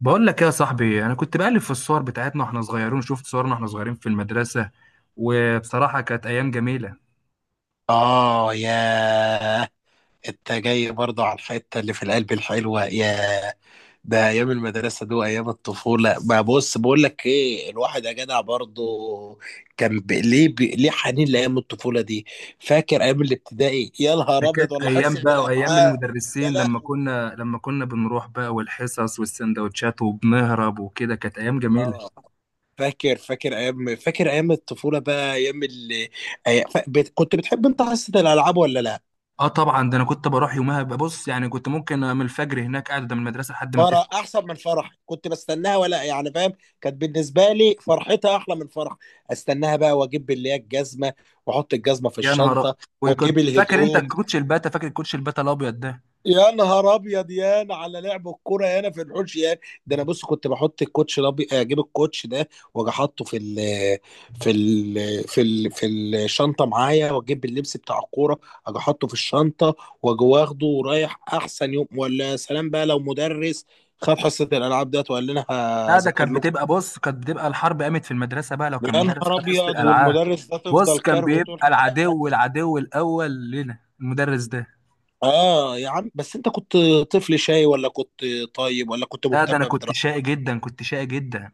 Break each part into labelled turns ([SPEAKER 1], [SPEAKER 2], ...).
[SPEAKER 1] بقول لك يا صاحبي، انا كنت بقلب في الصور بتاعتنا واحنا صغيرين. شفت صورنا واحنا صغيرين في المدرسه، وبصراحه كانت ايام جميله.
[SPEAKER 2] آه، ياه! أنت جاي برضه على الحتة اللي في القلب الحلوة. ياه، ده أيام المدرسة دي وأيام الطفولة. ما بص، بقول لك إيه، الواحد يا جدع برضه كان ليه حنين لأيام الطفولة دي. فاكر أيام الابتدائي؟ يا
[SPEAKER 1] ده
[SPEAKER 2] نهار أبيض،
[SPEAKER 1] كانت
[SPEAKER 2] ولا
[SPEAKER 1] ايام
[SPEAKER 2] حصة
[SPEAKER 1] بقى، وايام
[SPEAKER 2] الألعاب؟ يا
[SPEAKER 1] المدرسين لما
[SPEAKER 2] لهوي!
[SPEAKER 1] كنا لما كنا بنروح بقى، والحصص والسندوتشات وبنهرب وكده. كانت ايام جميله.
[SPEAKER 2] آه، فاكر أيام الطفولة بقى، أيام اللي كنت بتحب أنت حصة الألعاب ولا لأ؟
[SPEAKER 1] اه طبعا، ده انا كنت بروح يومها. ببص يعني كنت ممكن من الفجر هناك قاعد قدام المدرسه لحد ما تفتح.
[SPEAKER 2] فرح احسن من فرح، كنت بستناها، ولا يعني فاهم؟ كانت بالنسبه لي فرحتها احلى من فرح. استناها بقى، واجيب اللي هي الجزمه، واحط الجزمه في
[SPEAKER 1] يا نهار أ-
[SPEAKER 2] الشنطه،
[SPEAKER 1] وكنت
[SPEAKER 2] واجيب
[SPEAKER 1] فاكر انت
[SPEAKER 2] الهدوم.
[SPEAKER 1] الكوتش الباتا؟ فاكر الكوتش الباتا الابيض ده؟
[SPEAKER 2] يا نهار ابيض! يا أنا على لعب الكوره، يا انا في الحوش، يا... ده انا بص كنت بحط الكوتش ده، اجيب الكوتش ده، واجي احطه في الشنطه معايا، واجيب اللبس بتاع الكوره، اجي احطه في الشنطه، واجي واخده ورايح. احسن يوم! ولا يا سلام بقى لو مدرس خد حصه الالعاب ديت وقال لنا:
[SPEAKER 1] لا، ده
[SPEAKER 2] هذاكر
[SPEAKER 1] كانت
[SPEAKER 2] لكم.
[SPEAKER 1] بتبقى بص كانت بتبقى الحرب قامت في المدرسة بقى لو كان
[SPEAKER 2] يا
[SPEAKER 1] مدرس
[SPEAKER 2] نهار
[SPEAKER 1] خد حصة
[SPEAKER 2] ابيض!
[SPEAKER 1] الألعاب.
[SPEAKER 2] والمدرس ده
[SPEAKER 1] بص،
[SPEAKER 2] تفضل
[SPEAKER 1] كان
[SPEAKER 2] كارهه طول.
[SPEAKER 1] بيبقى العدو الأول لنا المدرس ده.
[SPEAKER 2] اه يا عم، بس انت كنت طفل شاي، ولا كنت طيب، ولا كنت
[SPEAKER 1] لا، ده أنا
[SPEAKER 2] مهتم
[SPEAKER 1] كنت
[SPEAKER 2] بدراستك؟
[SPEAKER 1] شقي جدا، كنت شقي جدا.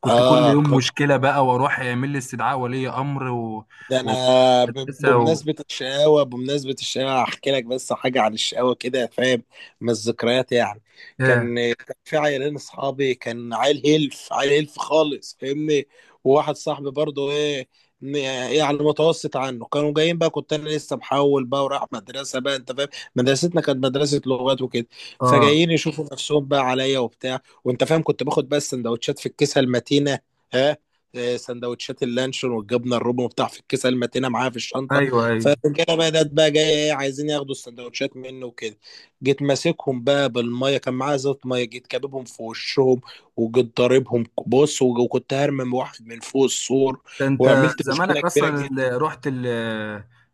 [SPEAKER 1] كنت كل
[SPEAKER 2] اه،
[SPEAKER 1] يوم مشكلة بقى، وأروح يعمل لي استدعاء ولي أمر و...
[SPEAKER 2] ده انا
[SPEAKER 1] ومدرسة و...
[SPEAKER 2] بمناسبه الشقاوه هحكي لك بس حاجه عن الشقاوه، كده فاهم؟ من الذكريات يعني.
[SPEAKER 1] إيه.
[SPEAKER 2] كان في عيالين اصحابي. كان عيل هلف عيل هلف خالص، فاهمني؟ وواحد صاحبي برضه ايه، ن- يعني متوسط عنه. كانوا جايين بقى، كنت انا لسه محول بقى ورايح مدرسه، بقى انت فاهم. مدرستنا كانت مدرسه لغات وكده،
[SPEAKER 1] آه.
[SPEAKER 2] فجايين يشوفوا نفسهم بقى عليا وبتاع، وانت فاهم. كنت باخد بقى السندوتشات في الكيسه المتينه. ها، سندوتشات اللانشون والجبنه الرومي وبتاع في الكيسه المتينه، معاها في الشنطه.
[SPEAKER 1] أيوه أيوه.
[SPEAKER 2] فالرجاله بدات بقى جايه ايه، عايزين ياخدوا السندوتشات منه وكده. جيت ماسكهم بقى بالميه، كان معايا زيت ميه، جيت كاببهم في وشهم، وجيت ضاربهم بص، وكنت هرمم واحد من فوق السور،
[SPEAKER 1] ده أنت
[SPEAKER 2] وعملت مشكله
[SPEAKER 1] زمانك
[SPEAKER 2] كبيره
[SPEAKER 1] أصلا
[SPEAKER 2] جدا.
[SPEAKER 1] اللي رحت ال...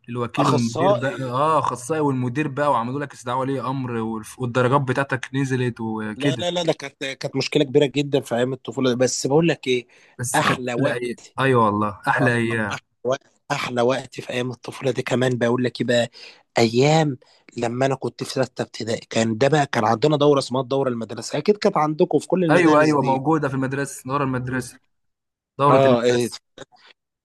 [SPEAKER 1] الوكيل والمدير بقى.
[SPEAKER 2] اخصائي؟
[SPEAKER 1] اه، اخصائي والمدير بقى، وعملوا لك استدعاء ولي امر والدرجات بتاعتك نزلت
[SPEAKER 2] لا،
[SPEAKER 1] وكده.
[SPEAKER 2] لا، لا، ده كانت مشكله كبيره جدا في ايام الطفوله. بس بقول لك ايه،
[SPEAKER 1] بس كانت
[SPEAKER 2] احلى
[SPEAKER 1] احلى ايام.
[SPEAKER 2] وقت.
[SPEAKER 1] ايوه والله،
[SPEAKER 2] آه،
[SPEAKER 1] احلى ايام.
[SPEAKER 2] احلى وقت، احلى وقت في ايام الطفوله دي. كمان بقول لك إيه بقى، ايام لما انا كنت في سته ابتدائي. كان ده بقى كان عندنا دوره اسمها الدوره المدرسيه، اكيد كانت عندكم في كل
[SPEAKER 1] ايوه
[SPEAKER 2] المدارس
[SPEAKER 1] ايوه،
[SPEAKER 2] دي.
[SPEAKER 1] موجوده في المدرسه، دوره
[SPEAKER 2] م.
[SPEAKER 1] المدرسه. دوره
[SPEAKER 2] اه، إيه،
[SPEAKER 1] المدرسه.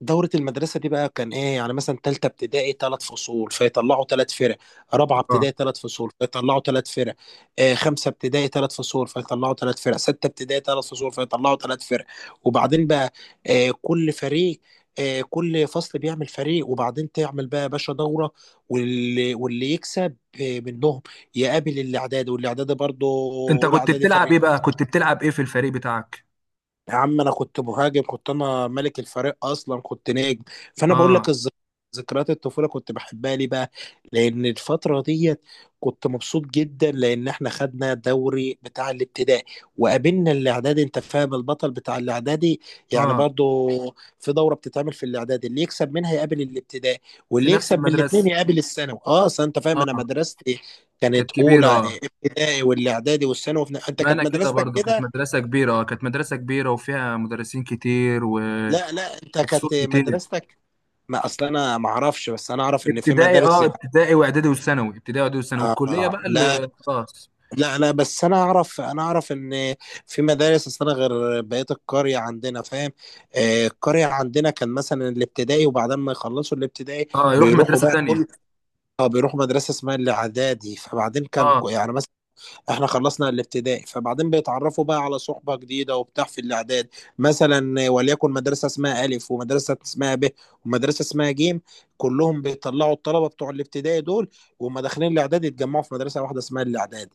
[SPEAKER 2] دورة المدرسة دي بقى كان ايه؟ يعني مثلا تالتة ابتدائي تلات فصول، فيطلعوا تلات فرق. رابعة
[SPEAKER 1] اه.
[SPEAKER 2] ابتدائي تلات فصول، فيطلعوا تلات فرق. آه، خمسة ابتدائي تلات فصول، فيطلعوا تلات فرق. ستة ابتدائي تلات فصول، فيطلعوا تلات فرق. وبعدين بقى، آه كل فريق كل فصل بيعمل فريق، وبعدين تعمل بقى يا باشا دورة. واللي يكسب آه منهم يقابل الإعدادي، والإعدادي برضه
[SPEAKER 1] انت
[SPEAKER 2] أولى
[SPEAKER 1] كنت
[SPEAKER 2] إعدادي
[SPEAKER 1] بتلعب
[SPEAKER 2] فريق.
[SPEAKER 1] ايه بقى؟ كنت بتلعب ايه في الفريق بتاعك؟
[SPEAKER 2] يا عم انا كنت مهاجم، كنت انا ملك الفريق اصلا، كنت نجم. فانا بقول لك
[SPEAKER 1] اه.
[SPEAKER 2] ذكريات الطفوله كنت بحبها ليه بقى؟ لان الفتره ديت كنت مبسوط جدا، لان احنا خدنا دوري بتاع الابتدائي وقابلنا الاعدادي، انت فاهم، البطل بتاع الاعدادي. يعني
[SPEAKER 1] اه.
[SPEAKER 2] برضو في دوره بتتعمل في الاعدادي، اللي يكسب منها يقابل الابتدائي،
[SPEAKER 1] في
[SPEAKER 2] واللي
[SPEAKER 1] نفس
[SPEAKER 2] يكسب من الاثنين
[SPEAKER 1] المدرسه.
[SPEAKER 2] يقابل الثانوي. اه، اصل انت فاهم، انا
[SPEAKER 1] اه،
[SPEAKER 2] مدرستي
[SPEAKER 1] كانت
[SPEAKER 2] كانت
[SPEAKER 1] كبيره.
[SPEAKER 2] اولى
[SPEAKER 1] اه،
[SPEAKER 2] ابتدائي والاعدادي والثانوي. انت
[SPEAKER 1] ما
[SPEAKER 2] كانت
[SPEAKER 1] انا كده
[SPEAKER 2] مدرستك
[SPEAKER 1] برضو، كانت
[SPEAKER 2] كده؟
[SPEAKER 1] مدرسه كبيره. اه، كانت مدرسه كبيره، وفيها مدرسين كتير و...
[SPEAKER 2] لا، لا، انت كانت
[SPEAKER 1] وفصول كتير.
[SPEAKER 2] مدرستك... ما اصل انا ما اعرفش، بس انا اعرف ان في
[SPEAKER 1] ابتدائي، اه، ابتدائي واعدادي وثانوي، ابتدائي واعدادي وثانوي،
[SPEAKER 2] آه،
[SPEAKER 1] والكليه
[SPEAKER 2] آه.
[SPEAKER 1] بقى
[SPEAKER 2] لا،
[SPEAKER 1] اللي خلاص.
[SPEAKER 2] لا، لا، بس انا اعرف ان في مدارس... اصل انا غير بقيه القريه عندنا، فاهم؟ آه، القريه عندنا كان مثلا الابتدائي، وبعدين ما يخلصوا الابتدائي
[SPEAKER 1] اه، يروح
[SPEAKER 2] بيروحوا
[SPEAKER 1] مدرسه
[SPEAKER 2] بقى
[SPEAKER 1] تانية.
[SPEAKER 2] كل... اه بيروحوا مدرسه اسمها الاعدادي. فبعدين كان
[SPEAKER 1] اه.
[SPEAKER 2] يعني مثلا احنا خلصنا الابتدائي، فبعدين بيتعرفوا بقى على صحبة جديدة وبتاع في الاعداد. مثلا، وليكن مدرسة اسمها ألف، ومدرسة اسمها ب، ومدرسة اسمها جيم، كلهم بيطلعوا الطلبة بتوع الابتدائي دول، وهم داخلين الاعداد يتجمعوا في مدرسة واحدة اسمها الاعداد.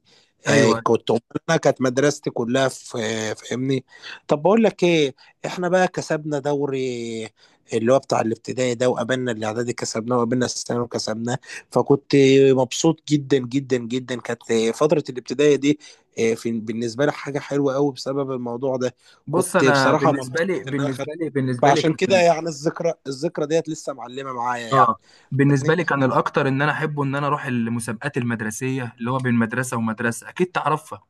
[SPEAKER 2] آه،
[SPEAKER 1] ايوه.
[SPEAKER 2] انا كانت مدرستي كلها في... فاهمني؟ طب بقول لك ايه، احنا بقى كسبنا دوري اللي هو بتاع الابتدائي ده، وقابلنا الاعدادي كسبناه، وقابلنا الثانوي كسبناه. فكنت مبسوط جدا جدا جدا. كانت فترة الابتدائية دي في بالنسبة لي حاجة حلوة قوي بسبب الموضوع ده.
[SPEAKER 1] بص،
[SPEAKER 2] كنت
[SPEAKER 1] انا
[SPEAKER 2] بصراحة
[SPEAKER 1] بالنسبه
[SPEAKER 2] مبسوط
[SPEAKER 1] لي
[SPEAKER 2] ان انا خدت.
[SPEAKER 1] بالنسبه لي بالنسبه لي
[SPEAKER 2] فعشان كده
[SPEAKER 1] كان.
[SPEAKER 2] يعني الذكرى ديت لسه معلمة معايا يعني،
[SPEAKER 1] اه، بالنسبه
[SPEAKER 2] فاهمني؟
[SPEAKER 1] لي كان الاكتر ان انا احبه ان انا اروح المسابقات المدرسيه، اللي هو بين مدرسه ومدرسه، اكيد تعرفها.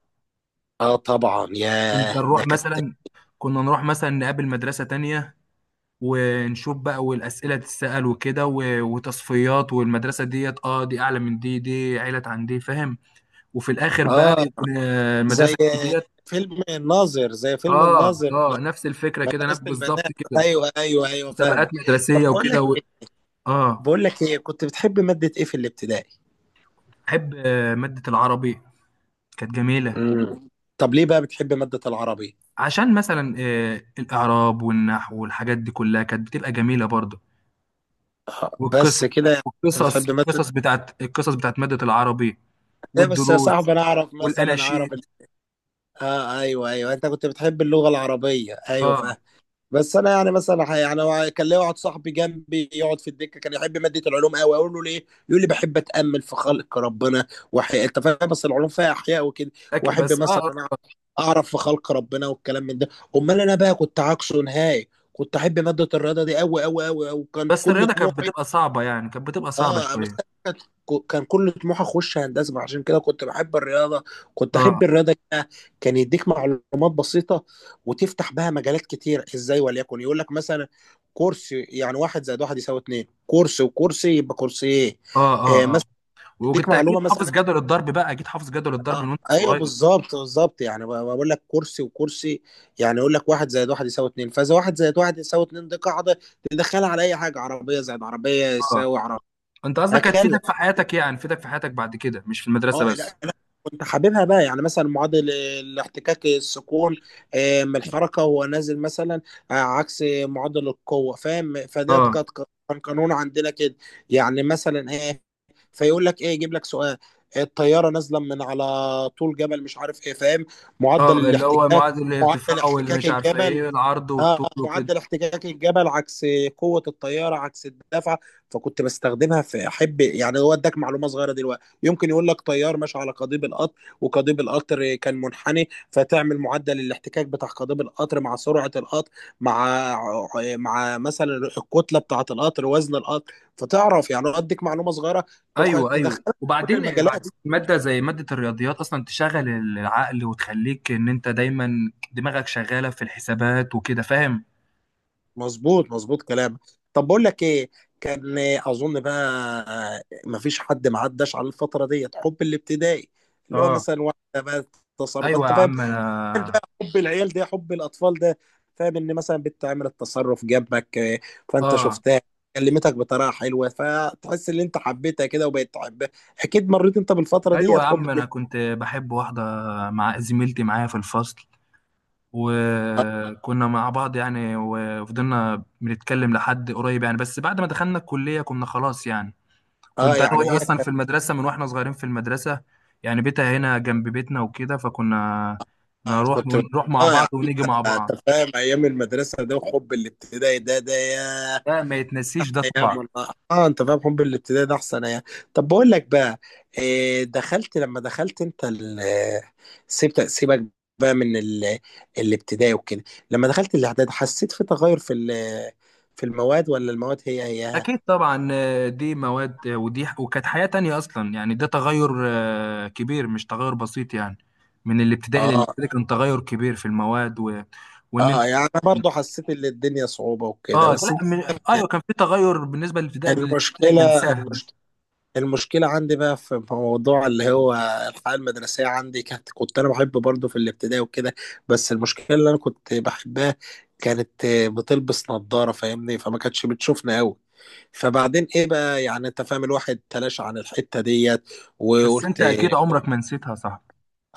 [SPEAKER 2] اه طبعا،
[SPEAKER 1] كنت
[SPEAKER 2] ياه، ده
[SPEAKER 1] نروح
[SPEAKER 2] كانت...
[SPEAKER 1] مثلا كنا نروح مثلا نقابل مدرسه تانية، ونشوف بقى والاسئله تتسال وكده وتصفيات. والمدرسه ديت، اه، دي اعلى من دي، دي عيله عن دي، فاهم. وفي الاخر بقى
[SPEAKER 2] اه
[SPEAKER 1] يكون،
[SPEAKER 2] زي
[SPEAKER 1] المدرسه ديت.
[SPEAKER 2] فيلم الناظر، زي فيلم
[SPEAKER 1] اه
[SPEAKER 2] الناظر؟ لا،
[SPEAKER 1] اه، نفس الفكره كده، نفس
[SPEAKER 2] مدرسة البنات،
[SPEAKER 1] بالظبط كده.
[SPEAKER 2] ايوه، ايوه، ايوه
[SPEAKER 1] مسابقات
[SPEAKER 2] فاهمك. طب
[SPEAKER 1] مدرسيه
[SPEAKER 2] بقول
[SPEAKER 1] وكده
[SPEAKER 2] لك
[SPEAKER 1] و... اه.
[SPEAKER 2] بقول لك ايه، كنت بتحب مادة ايه في الابتدائي؟
[SPEAKER 1] بحب مادة العربي، كانت جميلة.
[SPEAKER 2] امم طب ليه بقى بتحب مادة العربي؟
[SPEAKER 1] عشان مثلا الإعراب والنحو والحاجات دي كلها كانت بتبقى جميلة برضه. والقصص،
[SPEAKER 2] بس كده يعني؟ انت
[SPEAKER 1] والقصص
[SPEAKER 2] بتحب مثلا
[SPEAKER 1] القصص بتاعت، القصص بتاعت مادة العربي.
[SPEAKER 2] ايه؟ بس يا
[SPEAKER 1] والدروس.
[SPEAKER 2] صاحبي انا اعرف مثلا
[SPEAKER 1] والأناشيد.
[SPEAKER 2] اه ايوه، ايوه، انت كنت بتحب اللغه العربيه، ايوه فاهم.
[SPEAKER 1] اه.
[SPEAKER 2] بس انا يعني مثلا يعني هو كان ليا واحد صاحبي جنبي يقعد في الدكه، كان يحب ماده العلوم قوي. اقول له: ليه؟ يقول لي: بحب اتامل في خلق ربنا. انت فاهم، بس العلوم فيها احياء وكده.
[SPEAKER 1] لكن-
[SPEAKER 2] واحب
[SPEAKER 1] بس
[SPEAKER 2] مثلا
[SPEAKER 1] اه
[SPEAKER 2] اعرف، اعرف في خلق ربنا والكلام من ده. امال انا بقى كنت عكسه نهائي. كنت احب ماده الرياضه دي قوي قوي قوي، وكانت
[SPEAKER 1] بس
[SPEAKER 2] كل
[SPEAKER 1] الرياضة كانت
[SPEAKER 2] طموحي.
[SPEAKER 1] بتبقى صعبة يعني كانت بتبقى صعبة
[SPEAKER 2] اه بس
[SPEAKER 1] شوية.
[SPEAKER 2] كانت- كان كل طموحي اخش هندسه، عشان كده كنت بحب الرياضه. كنت احب
[SPEAKER 1] اه
[SPEAKER 2] الرياضه كده. كان يديك معلومات بسيطه وتفتح بها مجالات كتير. ازاي؟ وليكن يقول لك مثلا: كرسي، يعني واحد زائد واحد يساوي اتنين، كرسي وكرسي يبقى كرسي ايه.
[SPEAKER 1] اه
[SPEAKER 2] آه
[SPEAKER 1] اه اه.
[SPEAKER 2] مثلا، يديك
[SPEAKER 1] وكنت أكيد
[SPEAKER 2] معلومه
[SPEAKER 1] حافظ
[SPEAKER 2] مثلا.
[SPEAKER 1] جدول الضرب بقى، أكيد حافظ جدول الضرب من
[SPEAKER 2] آه
[SPEAKER 1] وأنت
[SPEAKER 2] ايوه،
[SPEAKER 1] صغير.
[SPEAKER 2] بالظبط بالظبط، يعني بقول لك كرسي وكرسي، يعني يقول لك واحد زائد واحد يساوي اتنين، فاذا واحد زائد واحد يساوي اتنين، دي قاعده تدخلها على اي حاجه: عربيه زائد عربيه
[SPEAKER 1] اه.
[SPEAKER 2] يساوي عربيه،
[SPEAKER 1] أنت قصدك
[SPEAKER 2] هكذا.
[SPEAKER 1] هتفيدك في حياتك؟ بعد كده، مش في المدرسة
[SPEAKER 2] اه
[SPEAKER 1] بس.
[SPEAKER 2] لا، انا كنت حاببها بقى. يعني مثلا معدل الاحتكاك السكون من الحركه وهو نازل مثلا، عكس معدل القوه، فاهم؟
[SPEAKER 1] اه.
[SPEAKER 2] كان قانون عندنا كده، يعني مثلا ايه، فيقول لك ايه، يجيب لك سؤال: الطياره نازله من على طول جبل مش عارف ايه، فاهم،
[SPEAKER 1] اه،
[SPEAKER 2] معدل
[SPEAKER 1] اللي هو
[SPEAKER 2] الاحتكاك،
[SPEAKER 1] معادل
[SPEAKER 2] معدل
[SPEAKER 1] الارتفاع، واللي
[SPEAKER 2] احتكاك
[SPEAKER 1] مش عارفه
[SPEAKER 2] الجبل
[SPEAKER 1] ايه، العرض والطول وكده.
[SPEAKER 2] معدل احتكاك الجبل عكس قوه الطياره، عكس الدفع. فكنت بستخدمها في... احب يعني، هو اداك معلومه صغيره. دلوقتي يمكن يقول لك طيار ماشي على قضيب القطر، وقضيب القطر كان منحني، فتعمل معدل الاحتكاك بتاع قضيب القطر مع سرعه القطر، مع مع مثلا الكتله بتاعه القطر، وزن القطر، فتعرف. يعني هو اديك معلومه صغيره
[SPEAKER 1] ايوه ايوه.
[SPEAKER 2] تدخلها في كل
[SPEAKER 1] وبعدين
[SPEAKER 2] المجالات.
[SPEAKER 1] بعدين ماده زي ماده الرياضيات اصلا تشغل العقل، وتخليك ان انت دايما دماغك شغاله في الحسابات وكده، فاهم.
[SPEAKER 2] مظبوط، مظبوط كلامك. طب بقول لك ايه، كان اظن بقى مفيش حد ما عداش على الفتره ديت، حب الابتدائي، اللي هو
[SPEAKER 1] اه.
[SPEAKER 2] مثلا واحده بقى، التصرف،
[SPEAKER 1] ايوه
[SPEAKER 2] انت
[SPEAKER 1] يا
[SPEAKER 2] فاهم،
[SPEAKER 1] عم انا
[SPEAKER 2] حب العيال ده، حب الاطفال ده، فاهم، ان مثلا بنت عملت التصرف جنبك، فانت
[SPEAKER 1] اه
[SPEAKER 2] شفتها، كلمتك بطريقه حلوه، فتحس ان انت حبيتها كده، وبقيت تحبها. اكيد مريت انت بالفتره
[SPEAKER 1] ايوه
[SPEAKER 2] ديت،
[SPEAKER 1] يا
[SPEAKER 2] حب
[SPEAKER 1] عم، انا كنت بحب واحده، مع زميلتي معايا في الفصل.
[SPEAKER 2] اه،
[SPEAKER 1] وكنا مع بعض يعني، وفضلنا بنتكلم لحد قريب يعني. بس بعد ما دخلنا الكليه كنا خلاص يعني. كنت انا
[SPEAKER 2] يعني
[SPEAKER 1] وهي
[SPEAKER 2] هي
[SPEAKER 1] اصلا في
[SPEAKER 2] كانت
[SPEAKER 1] المدرسه من واحنا صغيرين في المدرسه، يعني بيتها هنا جنب بيتنا وكده. فكنا نروح
[SPEAKER 2] كنت
[SPEAKER 1] نروح مع
[SPEAKER 2] اه،
[SPEAKER 1] بعض،
[SPEAKER 2] يعني
[SPEAKER 1] ونيجي مع
[SPEAKER 2] انت
[SPEAKER 1] بعض.
[SPEAKER 2] فاهم، ايام المدرسه ده وحب الابتدائي ده، ده ياه،
[SPEAKER 1] ده ما يتنسيش ده
[SPEAKER 2] ايام
[SPEAKER 1] طبعا.
[SPEAKER 2] والله. اه انت فاهم، حب الابتدائي ده احسن ايام. طب بقول لك بقى إيه، دخلت انت سيبت سيبك بقى من الابتدائي وكده، لما دخلت الاعداد حسيت في تغير في المواد، ولا المواد هي هي؟
[SPEAKER 1] اكيد طبعا، دي مواد، ودي، وكانت حياه تانية اصلا يعني. ده تغير كبير، مش تغير بسيط يعني. من الابتدائي
[SPEAKER 2] اه،
[SPEAKER 1] للابتدائي كان تغير كبير في المواد و... وان انت.
[SPEAKER 2] اه، يعني انا برضو حسيت ان الدنيا صعوبة وكده،
[SPEAKER 1] اه،
[SPEAKER 2] بس انت...
[SPEAKER 1] لا من... ايوه، كان في تغير بالنسبه للابتدائي. بالابتدائي كان
[SPEAKER 2] المشكلة
[SPEAKER 1] سهل.
[SPEAKER 2] المشكلة عندي بقى في موضوع اللي هو الحياة المدرسية عندي كانت، كنت أنا بحب برضه في الابتدائي وكده، بس المشكلة اللي أنا كنت بحبها كانت بتلبس نظارة، فاهمني، فما كانتش بتشوفنا أوي. فبعدين إيه بقى، يعني أنت فاهم، الواحد تلاشى عن الحتة ديت
[SPEAKER 1] بس انت
[SPEAKER 2] وقلت...
[SPEAKER 1] اكيد عمرك ما نسيتها، صح.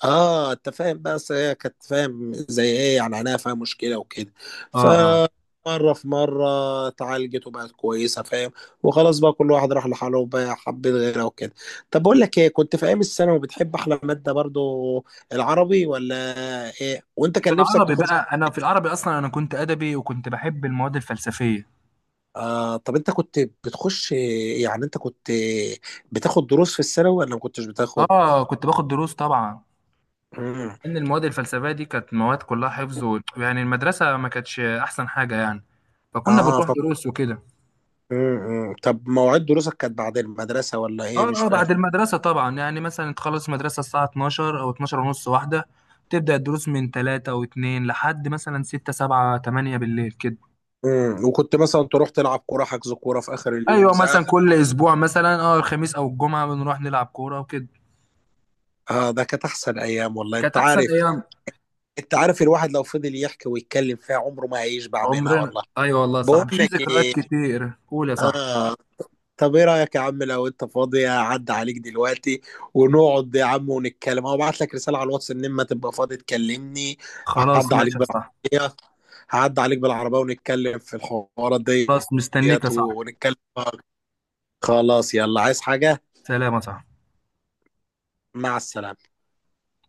[SPEAKER 2] اه، انت فاهم بقى، اصل هي كانت فاهم زي ايه، يعني عينيها فيها مشكله وكده.
[SPEAKER 1] اه اه.
[SPEAKER 2] فمره في مره اتعالجت وبقت كويسه، فاهم. وخلاص بقى، كل واحد راح لحاله، وبقى حبيت غيرها وكده. طب بقول لك ايه، كنت في ايام الثانوي بتحب احلى ماده برضو العربي، ولا ايه؟ وانت
[SPEAKER 1] في
[SPEAKER 2] كان نفسك
[SPEAKER 1] العربي
[SPEAKER 2] تخش...
[SPEAKER 1] بقى، انا في العربي اصلا انا كنت ادبي، وكنت بحب المواد الفلسفيه.
[SPEAKER 2] طب انت كنت بتخش، يعني انت كنت بتاخد دروس في الثانوي، ولا ما كنتش بتاخد؟
[SPEAKER 1] اه، كنت باخد دروس طبعا.
[SPEAKER 2] مم.
[SPEAKER 1] ان المواد الفلسفيه دي كانت مواد كلها حفظ و... يعني المدرسه ما كانتش احسن حاجه يعني، فكنا
[SPEAKER 2] اه
[SPEAKER 1] بنروح
[SPEAKER 2] ف...
[SPEAKER 1] دروس وكده.
[SPEAKER 2] مم. مم. طب مواعيد دروسك كانت بعد المدرسه، ولا ايه؟ مش
[SPEAKER 1] اه اه،
[SPEAKER 2] فاهم.
[SPEAKER 1] بعد المدرسه طبعا. يعني مثلا تخلص مدرسه الساعه 12 او 12 ونص، واحده. تبدا الدروس من 3 و2 لحد مثلا 6 7 8 بالليل كده.
[SPEAKER 2] وكنت مثلا تروح تلعب كوره، حجز كوره في اخر اليوم،
[SPEAKER 1] ايوه،
[SPEAKER 2] زعق؟
[SPEAKER 1] مثلا كل اسبوع مثلا، اه، الخميس او الجمعه بنروح نلعب كوره وكده.
[SPEAKER 2] اه، ده كانت احسن ايام والله.
[SPEAKER 1] كانت
[SPEAKER 2] انت
[SPEAKER 1] احسن
[SPEAKER 2] عارف،
[SPEAKER 1] ايام.
[SPEAKER 2] انت عارف، الواحد لو فضل يحكي ويتكلم فيها عمره ما هيشبع منها
[SPEAKER 1] عمرنا،
[SPEAKER 2] والله.
[SPEAKER 1] ايوه والله صح.
[SPEAKER 2] بقول
[SPEAKER 1] في
[SPEAKER 2] لك
[SPEAKER 1] ذكريات
[SPEAKER 2] ايه،
[SPEAKER 1] كتير، قول يا صاحبي.
[SPEAKER 2] اه، طب ايه رايك يا عم، لو انت فاضي اعدي عليك دلوقتي، ونقعد يا عم ونتكلم، او ابعت لك رساله على الواتس ان اما تبقى فاضي تكلمني.
[SPEAKER 1] خلاص
[SPEAKER 2] هعدي عليك
[SPEAKER 1] ماشي يا صاحبي.
[SPEAKER 2] بالعربيه هعدي عليك بالعربيه ونتكلم في الحوارات
[SPEAKER 1] خلاص مستنيك يا
[SPEAKER 2] ديت،
[SPEAKER 1] صاحبي.
[SPEAKER 2] ونتكلم. خلاص، يلا، عايز حاجه؟
[SPEAKER 1] سلام يا صاحبي.
[SPEAKER 2] مع السلامه.